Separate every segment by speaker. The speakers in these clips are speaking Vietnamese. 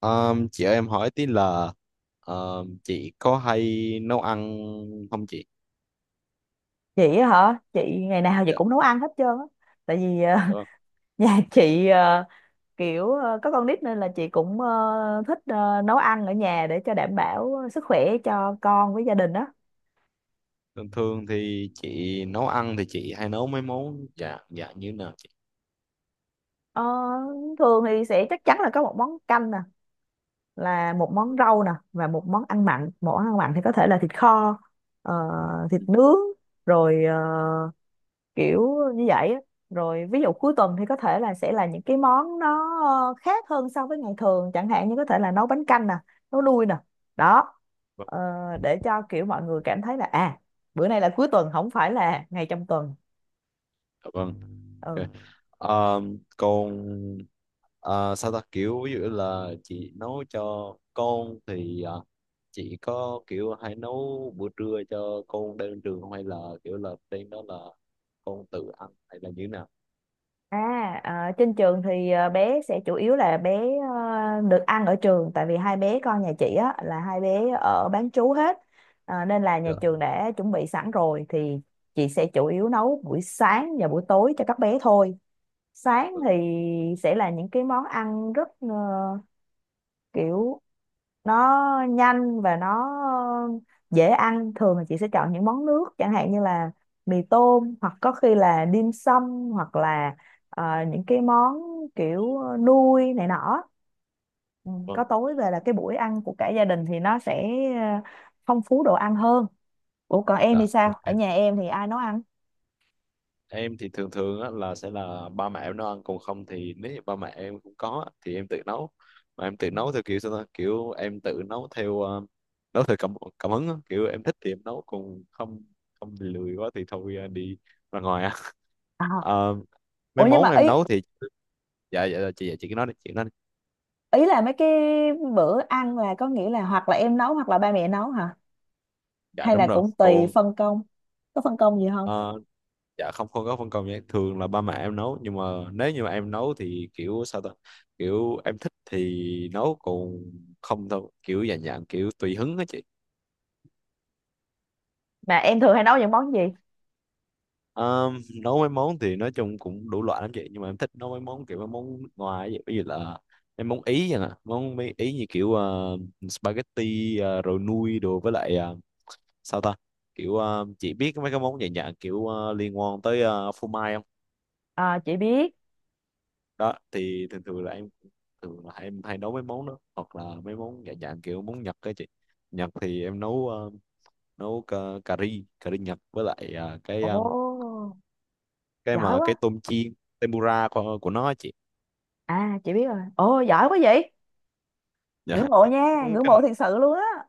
Speaker 1: Chị ơi, em hỏi tí là chị có hay nấu ăn không chị?
Speaker 2: Chị á hả? Chị ngày nào chị
Speaker 1: Dạ.
Speaker 2: cũng nấu ăn hết trơn á, tại vì
Speaker 1: Đúng không?
Speaker 2: nhà chị kiểu có con nít nên là chị cũng thích nấu ăn ở nhà để cho đảm bảo sức khỏe cho con với gia đình á.
Speaker 1: Thường thường thì chị nấu ăn thì chị hay nấu mấy món dạ dạ như thế nào chị?
Speaker 2: Ờ, Thường thì sẽ chắc chắn là có một món canh nè, là một món rau nè, và một món ăn mặn. Một món ăn mặn thì có thể là thịt kho, ờ, thịt nướng, rồi kiểu như vậy á. Rồi ví dụ cuối tuần thì có thể là sẽ là những cái món nó khác hơn so với ngày thường, chẳng hạn như có thể là nấu bánh canh nè, nấu nui nè đó. Ờ, để cho kiểu mọi người cảm thấy là à, bữa nay là cuối tuần không phải là ngày trong tuần.
Speaker 1: Dạ vâng. Ok.
Speaker 2: Ừ.
Speaker 1: Còn sao ta, kiểu ví dụ là chị nấu cho con thì chị có kiểu hay nấu bữa trưa cho con đem đến trường không, hay là kiểu là đem, đó là con tự ăn hay là như thế nào?
Speaker 2: À, trên trường thì bé sẽ chủ yếu là bé được ăn ở trường, tại vì hai bé con nhà chị á là hai bé ở bán trú hết. Nên là nhà
Speaker 1: Dạ.
Speaker 2: trường đã chuẩn bị sẵn rồi thì chị sẽ chủ yếu nấu buổi sáng và buổi tối cho các bé thôi. Sáng
Speaker 1: Vâng.
Speaker 2: thì sẽ là những cái món ăn rất kiểu nó nhanh và nó dễ ăn. Thường là chị sẽ chọn những món nước chẳng hạn như là mì tôm, hoặc có khi là dim sum, hoặc là những cái món kiểu nuôi này nọ. Ừ,
Speaker 1: Vâng.
Speaker 2: có tối về là cái buổi ăn của cả gia đình thì nó sẽ ờ, phong phú đồ ăn hơn. Ủa còn em
Speaker 1: Dạ.
Speaker 2: thì sao,
Speaker 1: Ok.
Speaker 2: ở nhà em thì ai nấu ăn?
Speaker 1: Em thì thường thường á, là sẽ là ba mẹ em nấu ăn, còn không thì nếu như ba mẹ em không có á, thì em tự nấu. Mà em tự nấu theo kiểu sao ta, kiểu em tự nấu theo cảm cảm hứng á. Kiểu em thích thì em nấu, còn không không thì lười quá thì thôi, đi ra ngoài á.
Speaker 2: À,
Speaker 1: Ờ, Mấy
Speaker 2: ủa nhưng
Speaker 1: món
Speaker 2: mà
Speaker 1: em
Speaker 2: ý,
Speaker 1: nấu thì, dạ dạ dạ, chị. Dạ, chị cứ nói đi, chị nói đi.
Speaker 2: ý là mấy cái bữa ăn là có nghĩa là hoặc là em nấu hoặc là ba mẹ nấu hả?
Speaker 1: Dạ
Speaker 2: Hay
Speaker 1: đúng
Speaker 2: là
Speaker 1: rồi,
Speaker 2: cũng tùy
Speaker 1: còn
Speaker 2: phân công, có phân công gì không?
Speaker 1: ờ, dạ, không không có phân công nha, thường là ba mẹ em nấu nhưng mà nếu như mà em nấu thì kiểu sao ta, kiểu em thích thì nấu, còn không thôi, kiểu dạng dạng kiểu tùy hứng á chị.
Speaker 2: Mà em thường hay nấu những món gì?
Speaker 1: Ờm, Nấu mấy món thì nói chung cũng đủ loại lắm chị, nhưng mà em thích nấu mấy món kiểu mấy món nước ngoài vậy, ví dụ là em món ý vậy nè, món mấy ý như kiểu spaghetti, rồi nui đồ, với lại sao ta, kiểu chị biết mấy cái món dạng dạng kiểu liên quan tới phô mai không?
Speaker 2: Ờ, chị biết.
Speaker 1: Đó thì thường thường là em, thường là em hay nấu mấy món đó, hoặc là mấy món dạng dạng kiểu món Nhật á chị. Nhật thì em nấu cà ri Nhật, với lại cái
Speaker 2: Ồ
Speaker 1: cái
Speaker 2: giỏi
Speaker 1: mà cái
Speaker 2: quá.
Speaker 1: tôm chiên tempura của nó á chị.
Speaker 2: À chị biết rồi, ồ giỏi quá vậy.
Speaker 1: Dạ.
Speaker 2: Ngưỡng mộ
Speaker 1: Ừ,
Speaker 2: nha, ngưỡng
Speaker 1: cái,
Speaker 2: mộ thiệt sự luôn á.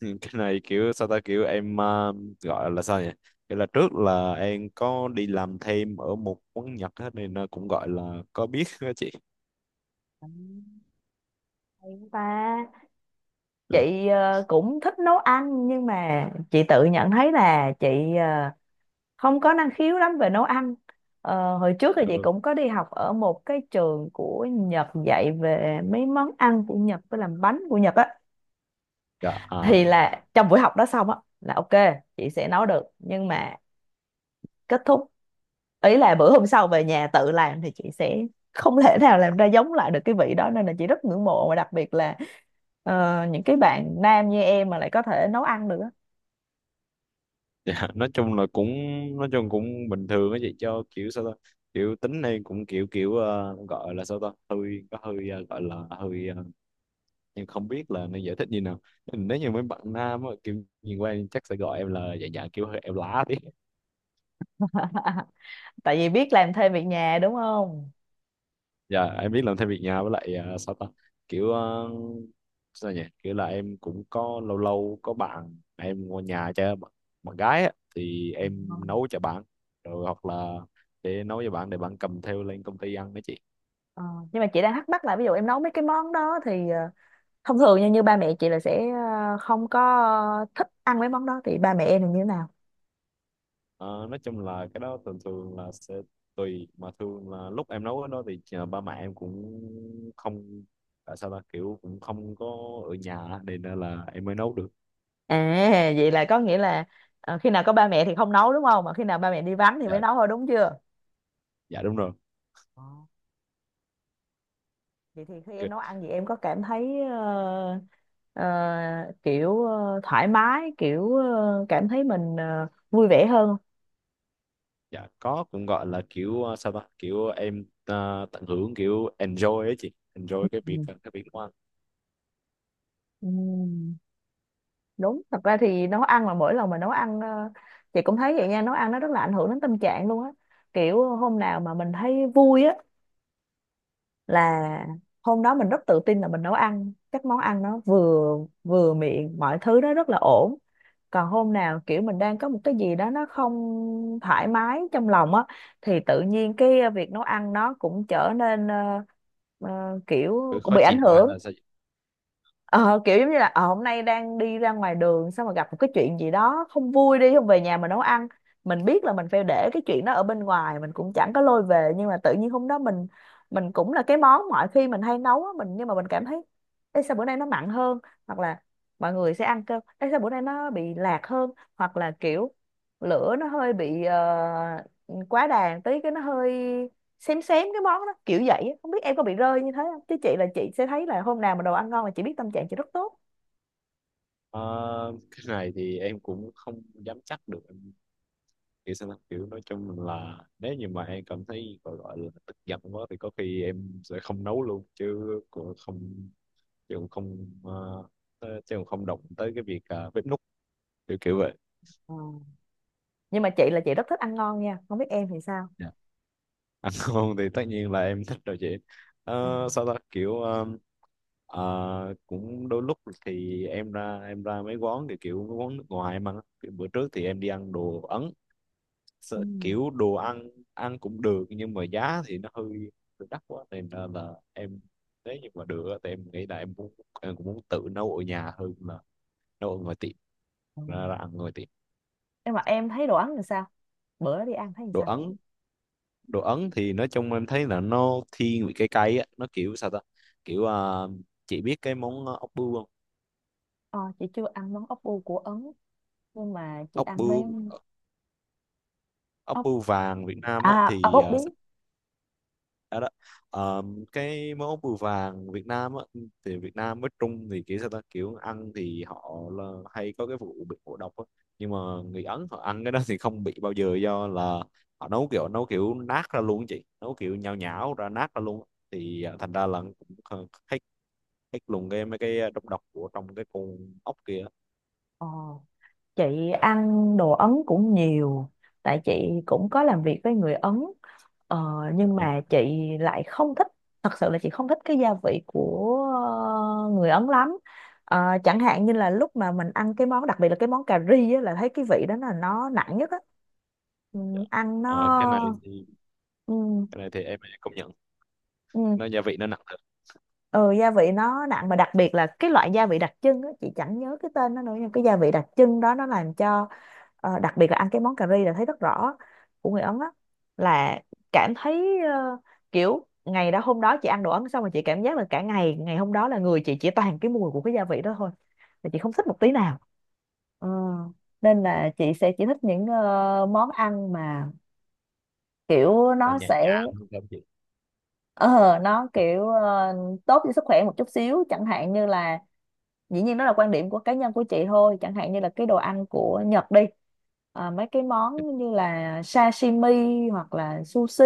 Speaker 1: cái này kiểu sao ta, kiểu em gọi là sao nhỉ, kiểu là trước là em có đi làm thêm ở một quán Nhật á, nên nó cũng gọi là có biết á chị.
Speaker 2: Ừ, hay quá ta. Chị cũng thích nấu ăn, nhưng mà chị tự nhận thấy là chị ờ, không có năng khiếu lắm về nấu ăn. Ờ, hồi trước thì chị
Speaker 1: Ừ.
Speaker 2: cũng có đi học ở một cái trường của Nhật dạy về mấy món ăn của Nhật với làm bánh của Nhật á.
Speaker 1: Dạ, à.
Speaker 2: Thì là trong buổi học đó xong á là ok, chị sẽ nấu được, nhưng mà kết thúc, ý là bữa hôm sau về nhà tự làm thì chị sẽ không thể nào làm ra giống lại được cái vị đó. Nên là chị rất ngưỡng mộ, và đặc biệt là những cái bạn nam như em mà lại có thể nấu ăn được á.
Speaker 1: Dạ, nói chung cũng bình thường á chị, cho kiểu sao ta, kiểu tính này cũng kiểu kiểu gọi là sao ta, hơi có hơi gọi là hơi, em không biết là nên giải thích như nào. Nếu như mấy bạn nam á, kiểu nhìn qua em chắc sẽ gọi em là, dạ dạ kiểu hơi em lá tí.
Speaker 2: Tại vì biết làm thêm việc nhà đúng không?
Speaker 1: Dạ, em biết làm thêm việc nhà, với lại sao ta, kiểu sao nhỉ, kiểu là em cũng có lâu lâu có bạn em qua nhà, bạn gái á, thì em
Speaker 2: Vâng.
Speaker 1: nấu cho bạn, rồi hoặc là để nấu cho bạn để bạn cầm theo lên công ty ăn đó chị.
Speaker 2: Ờ, nhưng mà chị đang thắc mắc là ví dụ em nấu mấy cái món đó thì thông thường như như ba mẹ chị là sẽ không có thích ăn mấy món đó, thì ba mẹ em là như thế nào?
Speaker 1: Ờ, nói chung là cái đó thường thường là sẽ tùy, mà thường là lúc em nấu cái đó thì ba mẹ em cũng không, tại sao ta, kiểu cũng không có ở nhà á, nên là em mới nấu được.
Speaker 2: À, vậy là có nghĩa là khi nào có ba mẹ thì không nấu đúng không, mà khi nào ba mẹ đi vắng thì mới
Speaker 1: Dạ,
Speaker 2: nấu thôi đúng chưa?
Speaker 1: dạ đúng rồi.
Speaker 2: Vậy thì khi em
Speaker 1: Kì-
Speaker 2: nấu ăn gì em có cảm thấy ờ, kiểu thoải mái, kiểu cảm thấy mình vui vẻ hơn không?
Speaker 1: dạ có, cũng gọi là kiểu sao ta, kiểu em tận hưởng, kiểu enjoy ấy chị,
Speaker 2: Ừ.
Speaker 1: enjoy cái việc nấu ăn.
Speaker 2: Ừm, đúng thật ra thì nấu ăn là mỗi lần mà nấu ăn chị cũng thấy vậy nha. Nấu ăn nó rất là ảnh hưởng đến tâm trạng luôn á. Kiểu hôm nào mà mình thấy vui á là hôm đó mình rất tự tin là mình nấu ăn các món ăn nó vừa, vừa miệng, mọi thứ nó rất là ổn. Còn hôm nào kiểu mình đang có một cái gì đó nó không thoải mái trong lòng á, thì tự nhiên cái việc nấu ăn nó cũng trở nên kiểu
Speaker 1: Ừ,
Speaker 2: cũng
Speaker 1: khó
Speaker 2: bị
Speaker 1: chịu
Speaker 2: ảnh
Speaker 1: quá hay
Speaker 2: hưởng.
Speaker 1: là sao chị?
Speaker 2: Ờ, kiểu giống như là hôm nay đang đi ra ngoài đường xong mà gặp một cái chuyện gì đó không vui, đi không về nhà mà nấu ăn. Mình biết là mình phải để cái chuyện đó ở bên ngoài, mình cũng chẳng có lôi về, nhưng mà tự nhiên hôm đó mình cũng là cái món mọi khi mình hay nấu á, nhưng mà mình cảm thấy: Ê, sao bữa nay nó mặn hơn? Hoặc là mọi người sẽ ăn cơm: Ê, sao bữa nay nó bị lạc hơn? Hoặc là kiểu lửa nó hơi bị quá đàn tí cái nó hơi xém xém cái món đó kiểu vậy á. Không biết em có bị rơi như thế không, chứ chị là chị sẽ thấy là hôm nào mà đồ ăn ngon là chị biết tâm trạng chị rất tốt.
Speaker 1: Ờ, cái này thì em cũng không dám chắc được, kiểu sao ta? Kiểu nói chung là nếu như mà em cảm thấy gọi gọi là tức giận quá thì có khi em sẽ không nấu luôn, chứ cũng không, chứ cũng không, chứ cũng không động tới cái việc, à, bếp núc, kiểu kiểu vậy.
Speaker 2: Ờ, nhưng mà chị là chị rất thích ăn ngon nha, không biết em thì sao.
Speaker 1: Dạ. Ăn ngon thì tất nhiên là em thích rồi chị.
Speaker 2: Ờ,
Speaker 1: Sao ta, kiểu cũng đôi lúc thì em ra mấy quán, thì kiểu mấy quán nước ngoài mà, kiểu bữa trước thì em đi ăn đồ Ấn,
Speaker 2: ừ,
Speaker 1: sợ kiểu đồ ăn ăn cũng được nhưng mà giá thì nó hơi hơi đắt quá, nên là em, nếu như mà được á, thì em nghĩ là em muốn, em cũng muốn tự nấu ở nhà hơn là nấu ở ngoài tiệm,
Speaker 2: ờ.
Speaker 1: ra ăn ngoài tiệm.
Speaker 2: Nhưng mà em thấy đồ Ấn thì sao, bữa đi ăn thấy thì
Speaker 1: Đồ
Speaker 2: sao?
Speaker 1: Ấn, đồ Ấn thì nói chung em thấy là nó thiên vị cái cay á, nó kiểu sao ta, kiểu à, chị biết cái món ốc bươu không?
Speaker 2: Ờ, chị chưa ăn món ốc bu của Ấn, nhưng mà chị
Speaker 1: ốc
Speaker 2: ăn mấy
Speaker 1: bươu ốc
Speaker 2: ốc,
Speaker 1: bươu vàng Việt Nam
Speaker 2: à,
Speaker 1: á
Speaker 2: à ốc
Speaker 1: thì
Speaker 2: bốc
Speaker 1: à.
Speaker 2: biến.
Speaker 1: Dạ đó. Ờ, cái món bùi vàng Việt Nam á, thì Việt Nam với Trung thì kiểu sao ta, kiểu ăn thì họ là hay có cái vụ bị ngộ độc á. Nhưng mà người Ấn họ ăn cái đó thì không bị bao giờ, do là họ nấu kiểu nát ra luôn á chị, nấu kiểu nhão nhão ra, nát ra luôn á. Thì thành ra là cũng hết hết luôn cái mấy cái độc độc của trong cái con ốc kia á.
Speaker 2: Ờ chị ăn đồ Ấn cũng nhiều, tại chị cũng có làm việc với người Ấn, ờ,
Speaker 1: Dạ
Speaker 2: nhưng
Speaker 1: vâng.
Speaker 2: mà chị lại không thích. Thật sự là chị không thích cái gia vị của người Ấn lắm. Ờ, chẳng hạn như là lúc mà mình ăn cái món đặc biệt là cái món cà ri á, là thấy cái vị đó là nó nặng nhất á. Ừ, ăn nó.
Speaker 1: Ờ, cái này thì
Speaker 2: Ừ,
Speaker 1: cái này thì em công nhận,
Speaker 2: ừ.
Speaker 1: nó gia vị nó nặng thật.
Speaker 2: Ừ gia vị nó nặng, mà đặc biệt là cái loại gia vị đặc trưng á chị chẳng nhớ cái tên nó nữa, nhưng cái gia vị đặc trưng đó nó làm cho đặc biệt là ăn cái món cà ri là thấy rất rõ của người Ấn á. Là cảm thấy kiểu ngày đó hôm đó chị ăn đồ Ấn xong rồi chị cảm giác là cả ngày, ngày hôm đó là người chị chỉ toàn cái mùi của cái gia vị đó thôi, là chị không thích một tí nào. Ờ, nên là chị sẽ chỉ thích những món ăn mà kiểu
Speaker 1: Là
Speaker 2: nó
Speaker 1: nhẹ
Speaker 2: sẽ
Speaker 1: nhàng hơn không chị?
Speaker 2: ờ nó kiểu ờ, tốt cho sức khỏe một chút xíu, chẳng hạn như là, dĩ nhiên đó là quan điểm của cá nhân của chị thôi, chẳng hạn như là cái đồ ăn của Nhật đi, à, mấy cái món như là sashimi hoặc là sushi.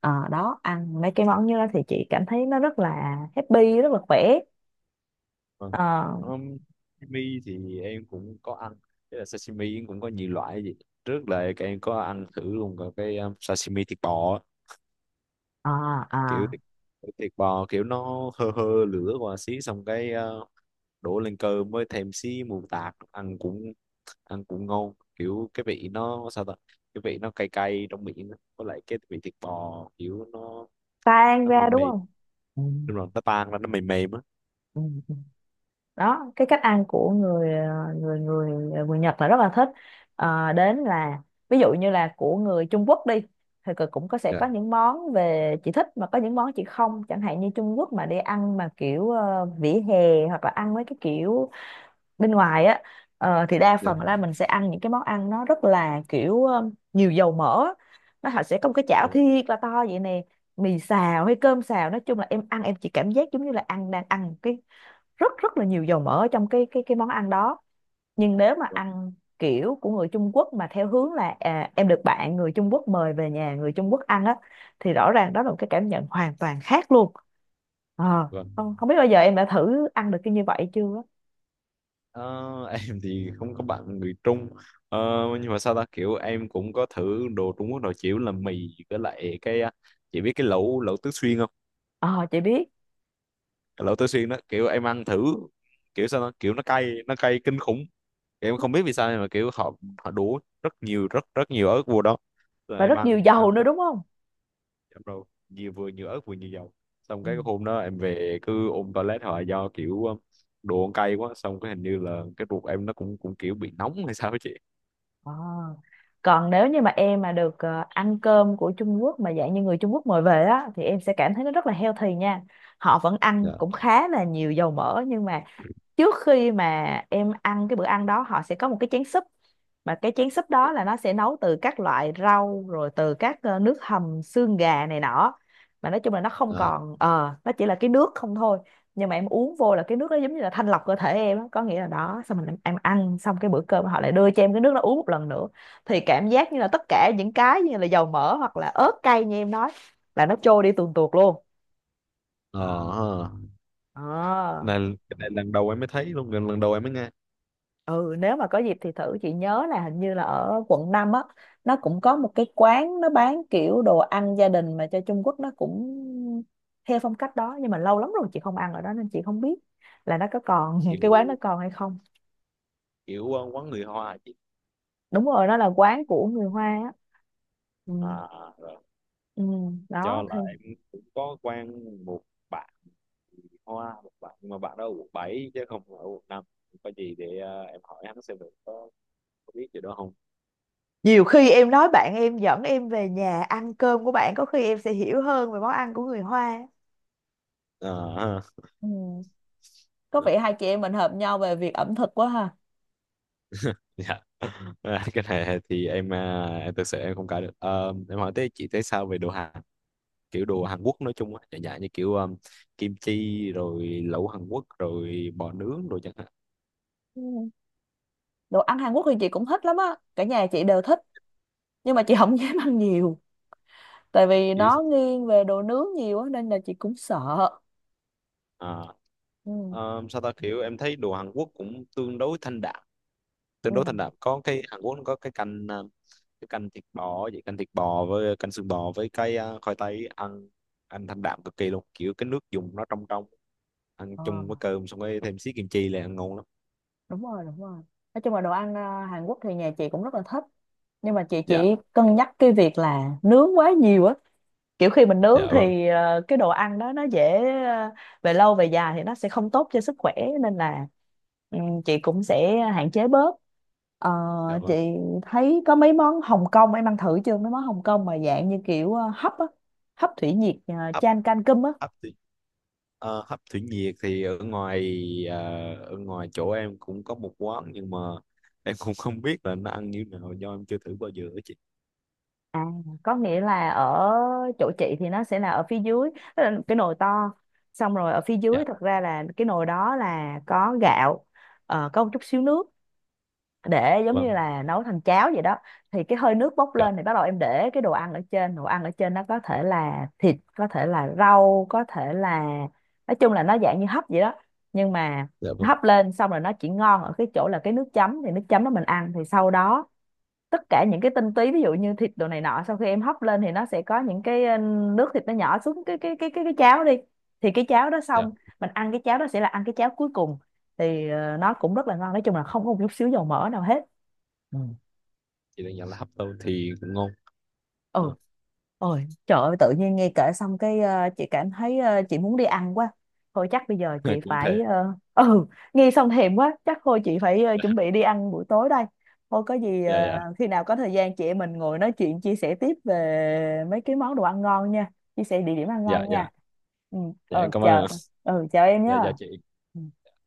Speaker 2: Ờ, đó ăn mấy cái món như đó thì chị cảm thấy nó rất là happy, rất là khỏe.
Speaker 1: Vâng.
Speaker 2: Ờ,
Speaker 1: Um, Sashimi thì em cũng có ăn. Thế là sashimi em cũng có nhiều loại gì, trước là cái em có ăn thử luôn cả cái sashimi thịt bò á.
Speaker 2: ờ, ờ,
Speaker 1: Kiểu thịt bò, kiểu nó hơ hơ lửa qua xí, xong cái uh, đổ lên cơm với thêm xí mù tạt, ăn cũng ngon, kiểu cái vị nó sao ta, cái vị nó cay cay trong miệng á. Với lại cái vị thịt bò kiểu nó
Speaker 2: tan
Speaker 1: nó
Speaker 2: ra
Speaker 1: mềm
Speaker 2: đúng
Speaker 1: mềm,
Speaker 2: không? Ừ,
Speaker 1: nhưng mà nó tan ra, nó mềm mềm á.
Speaker 2: ừ. Đó cái cách ăn của người người người người Nhật là rất là thích. Ờ, đến là ví dụ như là của người Trung Quốc đi, thì cực cũng có, sẽ
Speaker 1: Dạ,
Speaker 2: có những món về chị thích mà có những món chị không. Chẳng hạn như Trung Quốc mà đi ăn mà kiểu vỉa hè, hoặc là ăn mấy cái kiểu bên ngoài á, thì đa
Speaker 1: dạ.
Speaker 2: phần là mình sẽ ăn những cái món ăn nó rất là kiểu nhiều dầu mỡ á. Nó họ sẽ có một cái
Speaker 1: Dạ,
Speaker 2: chảo
Speaker 1: vâng.
Speaker 2: thiệt là to vậy nè, mì xào hay cơm xào, nói chung là em ăn em chỉ cảm giác giống như là ăn đang ăn rất rất là nhiều dầu mỡ ở trong cái món ăn đó. Nhưng nếu mà ăn kiểu của người Trung Quốc mà theo hướng là à, em được bạn người Trung Quốc mời về nhà người Trung Quốc ăn á, thì rõ ràng đó là một cái cảm nhận hoàn toàn khác luôn. Ờ,
Speaker 1: Vâng.
Speaker 2: không không biết bao giờ em đã thử ăn được cái như vậy chưa á.
Speaker 1: Ờ, em thì không có bạn người Trung. Ờ, nhưng mà sao ta, kiểu em cũng có thử đồ Trung Quốc, đồ chịu là mì với lại cái à, chị biết cái lẩu lẩu Tứ Xuyên không?
Speaker 2: Ờ chị biết.
Speaker 1: Cái lẩu Tứ Xuyên đó kiểu em ăn thử, kiểu sao ta, kiểu nó cay, nó cay kinh khủng. Kiểu em không biết vì sao, nhưng mà kiểu họ họ đổ rất nhiều, rất rất nhiều ớt vô đó, rồi
Speaker 2: Và
Speaker 1: em
Speaker 2: rất nhiều
Speaker 1: ăn
Speaker 2: dầu
Speaker 1: ăn
Speaker 2: nữa
Speaker 1: tới
Speaker 2: đúng không?
Speaker 1: chậm, rồi nhiều, vừa nhiều ớt vừa nhiều dầu, xong
Speaker 2: Ừ.
Speaker 1: cái hôm đó em về cứ ôm toilet hoài, do kiểu đồ ăn cay quá, xong cái hình như là cái ruột em nó cũng cũng kiểu bị nóng hay sao á chị.
Speaker 2: Ờ. Còn nếu như mà em mà được ăn cơm của Trung Quốc mà dạng như người Trung Quốc mời về á, thì em sẽ cảm thấy nó rất là healthy nha. Họ vẫn ăn
Speaker 1: Dạ.
Speaker 2: cũng khá là nhiều dầu mỡ, nhưng mà trước khi mà em ăn cái bữa ăn đó, họ sẽ có một cái chén súp, mà cái chén súp đó là nó sẽ nấu từ các loại rau rồi từ các nước hầm xương gà này nọ. Mà nói chung là nó không
Speaker 1: À,
Speaker 2: còn nó chỉ là cái nước không thôi, nhưng mà em uống vô là cái nước đó giống như là thanh lọc cơ thể em á. Có nghĩa là đó. Xong mình em ăn xong cái bữa cơm, họ lại đưa cho em cái nước đó uống một lần nữa, thì cảm giác như là tất cả những cái như là dầu mỡ hoặc là ớt cay như em nói là nó trôi đi tuồn tuột luôn.
Speaker 1: ờ
Speaker 2: Đó.
Speaker 1: ha.
Speaker 2: Ờ.
Speaker 1: Cái này lần đầu em mới thấy luôn, gần lần đầu em mới nghe.
Speaker 2: Ừ, nếu mà có dịp thì thử. Chị nhớ là hình như là ở quận 5 á, nó cũng có một cái quán nó bán kiểu đồ ăn gia đình mà cho Trung Quốc, nó cũng theo phong cách đó, nhưng mà lâu lắm rồi chị không ăn ở đó nên chị không biết là nó có còn cái quán
Speaker 1: kiểu
Speaker 2: nó còn hay không.
Speaker 1: kiểu quán người Hoa chị?
Speaker 2: Đúng rồi, nó là quán của người Hoa á. Ừ,
Speaker 1: À rồi.
Speaker 2: ừ, đó
Speaker 1: Do là
Speaker 2: thì
Speaker 1: em cũng có quen một bạn người Hoa, một bạn, nhưng mà bạn đó ở quận 7 chứ không ở quận 5, có gì để em hỏi hắn xem được, có biết gì đó không.
Speaker 2: nhiều khi em nói bạn em dẫn em về nhà ăn cơm của bạn, có khi em sẽ hiểu hơn về món ăn của người Hoa.
Speaker 1: Ờ ha.
Speaker 2: Ừ. Có vẻ hai chị em mình hợp nhau về việc ẩm thực quá ha.
Speaker 1: Dạ. À, cái này thì em à, em thực sự em không cãi được. Ờ, em hỏi tới, chị thấy sao về đồ Hàn, kiểu đồ Hàn Quốc nói chung á, dạ dạ như kiểu kim chi rồi lẩu Hàn Quốc rồi bò nướng rồi chẳng.
Speaker 2: Ừ. Đồ ăn Hàn Quốc thì chị cũng thích lắm á, cả nhà chị đều thích, nhưng mà chị không dám ăn nhiều, tại vì
Speaker 1: Yes.
Speaker 2: nó nghiêng về đồ nướng nhiều á nên là chị cũng sợ.
Speaker 1: À,
Speaker 2: Ừ.
Speaker 1: sao ta, kiểu em thấy đồ Hàn Quốc cũng tương đối thanh đạm tương
Speaker 2: Ừ.
Speaker 1: đối thanh đạm Có cái Hàn Quốc nó có cái canh à, cái canh thịt bò vậy, canh thịt bò với canh xương bò với cái à, khoai tây, ăn ăn thanh đạm cực kỳ luôn, kiểu cái nước dùng nó trong trong, ăn
Speaker 2: Ờ,
Speaker 1: chung với cơm xong rồi thêm xí kim chi là ăn ngon lắm.
Speaker 2: đúng rồi, đúng rồi, nói chung là đồ ăn Hàn Quốc thì nhà chị cũng rất là thích, nhưng mà chị
Speaker 1: Dạ,
Speaker 2: chỉ cân nhắc cái việc là nướng quá nhiều á. Kiểu khi mình nướng
Speaker 1: dạ vâng.
Speaker 2: thì cái đồ ăn đó nó dễ, ờ, về lâu về dài thì nó sẽ không tốt cho sức khỏe, nên là, ừ, chị cũng sẽ hạn chế bớt. Ờ,
Speaker 1: Dạ
Speaker 2: chị
Speaker 1: vâng.
Speaker 2: thấy có mấy món Hồng Kông em ăn thử chưa? Mấy món Hồng Kông mà dạng như kiểu hấp á, hấp thủy nhiệt,
Speaker 1: hấp
Speaker 2: chan canh cơm á.
Speaker 1: hấp thủy, ờ, hấp thủy nhiệt thì ờ, ở ngoài chỗ em cũng có một quán, nhưng mà em cũng không biết là nó ăn như nào, do em chưa thử bao giờ ấy chị.
Speaker 2: À, có nghĩa là ở chỗ chị thì nó sẽ là ở phía dưới, tức là cái nồi to, xong rồi ở phía dưới thật ra là cái nồi đó là có gạo, có một chút xíu nước, để giống như
Speaker 1: Vâng.
Speaker 2: là nấu thành cháo vậy đó. Thì cái hơi nước bốc
Speaker 1: Dạ,
Speaker 2: lên thì bắt đầu em để cái đồ ăn ở trên, đồ ăn ở trên nó có thể là thịt, có thể là rau, có thể là, nói chung là nó dạng như hấp vậy đó. Nhưng mà
Speaker 1: dạ vâng.
Speaker 2: hấp lên xong rồi, nó chỉ ngon ở cái chỗ là cái nước chấm, thì nước chấm đó mình ăn, thì sau đó tất cả những cái tinh túy ví dụ như thịt đồ này nọ, sau khi em hấp lên thì nó sẽ có những cái nước thịt nó nhỏ xuống cái cháo đi, thì cái cháo đó
Speaker 1: Dạ,
Speaker 2: xong mình ăn cái cháo đó sẽ là ăn cái cháo cuối cùng, thì nó cũng rất là ngon, nói chung là không có một chút xíu dầu mỡ nào hết. Ừ.
Speaker 1: chị đang nhận là hấp tôm thì cũng ngon.
Speaker 2: Ừ,
Speaker 1: Ờ,
Speaker 2: ôi trời ơi, tự nhiên nghe kể xong cái chị cảm thấy, chị muốn đi ăn quá. Thôi chắc bây giờ chị
Speaker 1: cũng
Speaker 2: phải,
Speaker 1: thề.
Speaker 2: ừ, nghe xong thèm quá, chắc thôi chị phải chuẩn bị đi ăn buổi tối đây. Thôi có gì,
Speaker 1: Dạ, dạ,
Speaker 2: khi nào có thời gian chị em mình ngồi nói chuyện chia sẻ tiếp về mấy cái món đồ ăn ngon nha, chia sẻ địa điểm ăn
Speaker 1: dạ,
Speaker 2: ngon
Speaker 1: dạ,
Speaker 2: nha. Ừ.
Speaker 1: dạ, em
Speaker 2: Ờ,
Speaker 1: cảm ơn
Speaker 2: chờ.
Speaker 1: ạ.
Speaker 2: Ừ, chờ em
Speaker 1: Dạ,
Speaker 2: nhé.
Speaker 1: dạ chị.
Speaker 2: Ừ.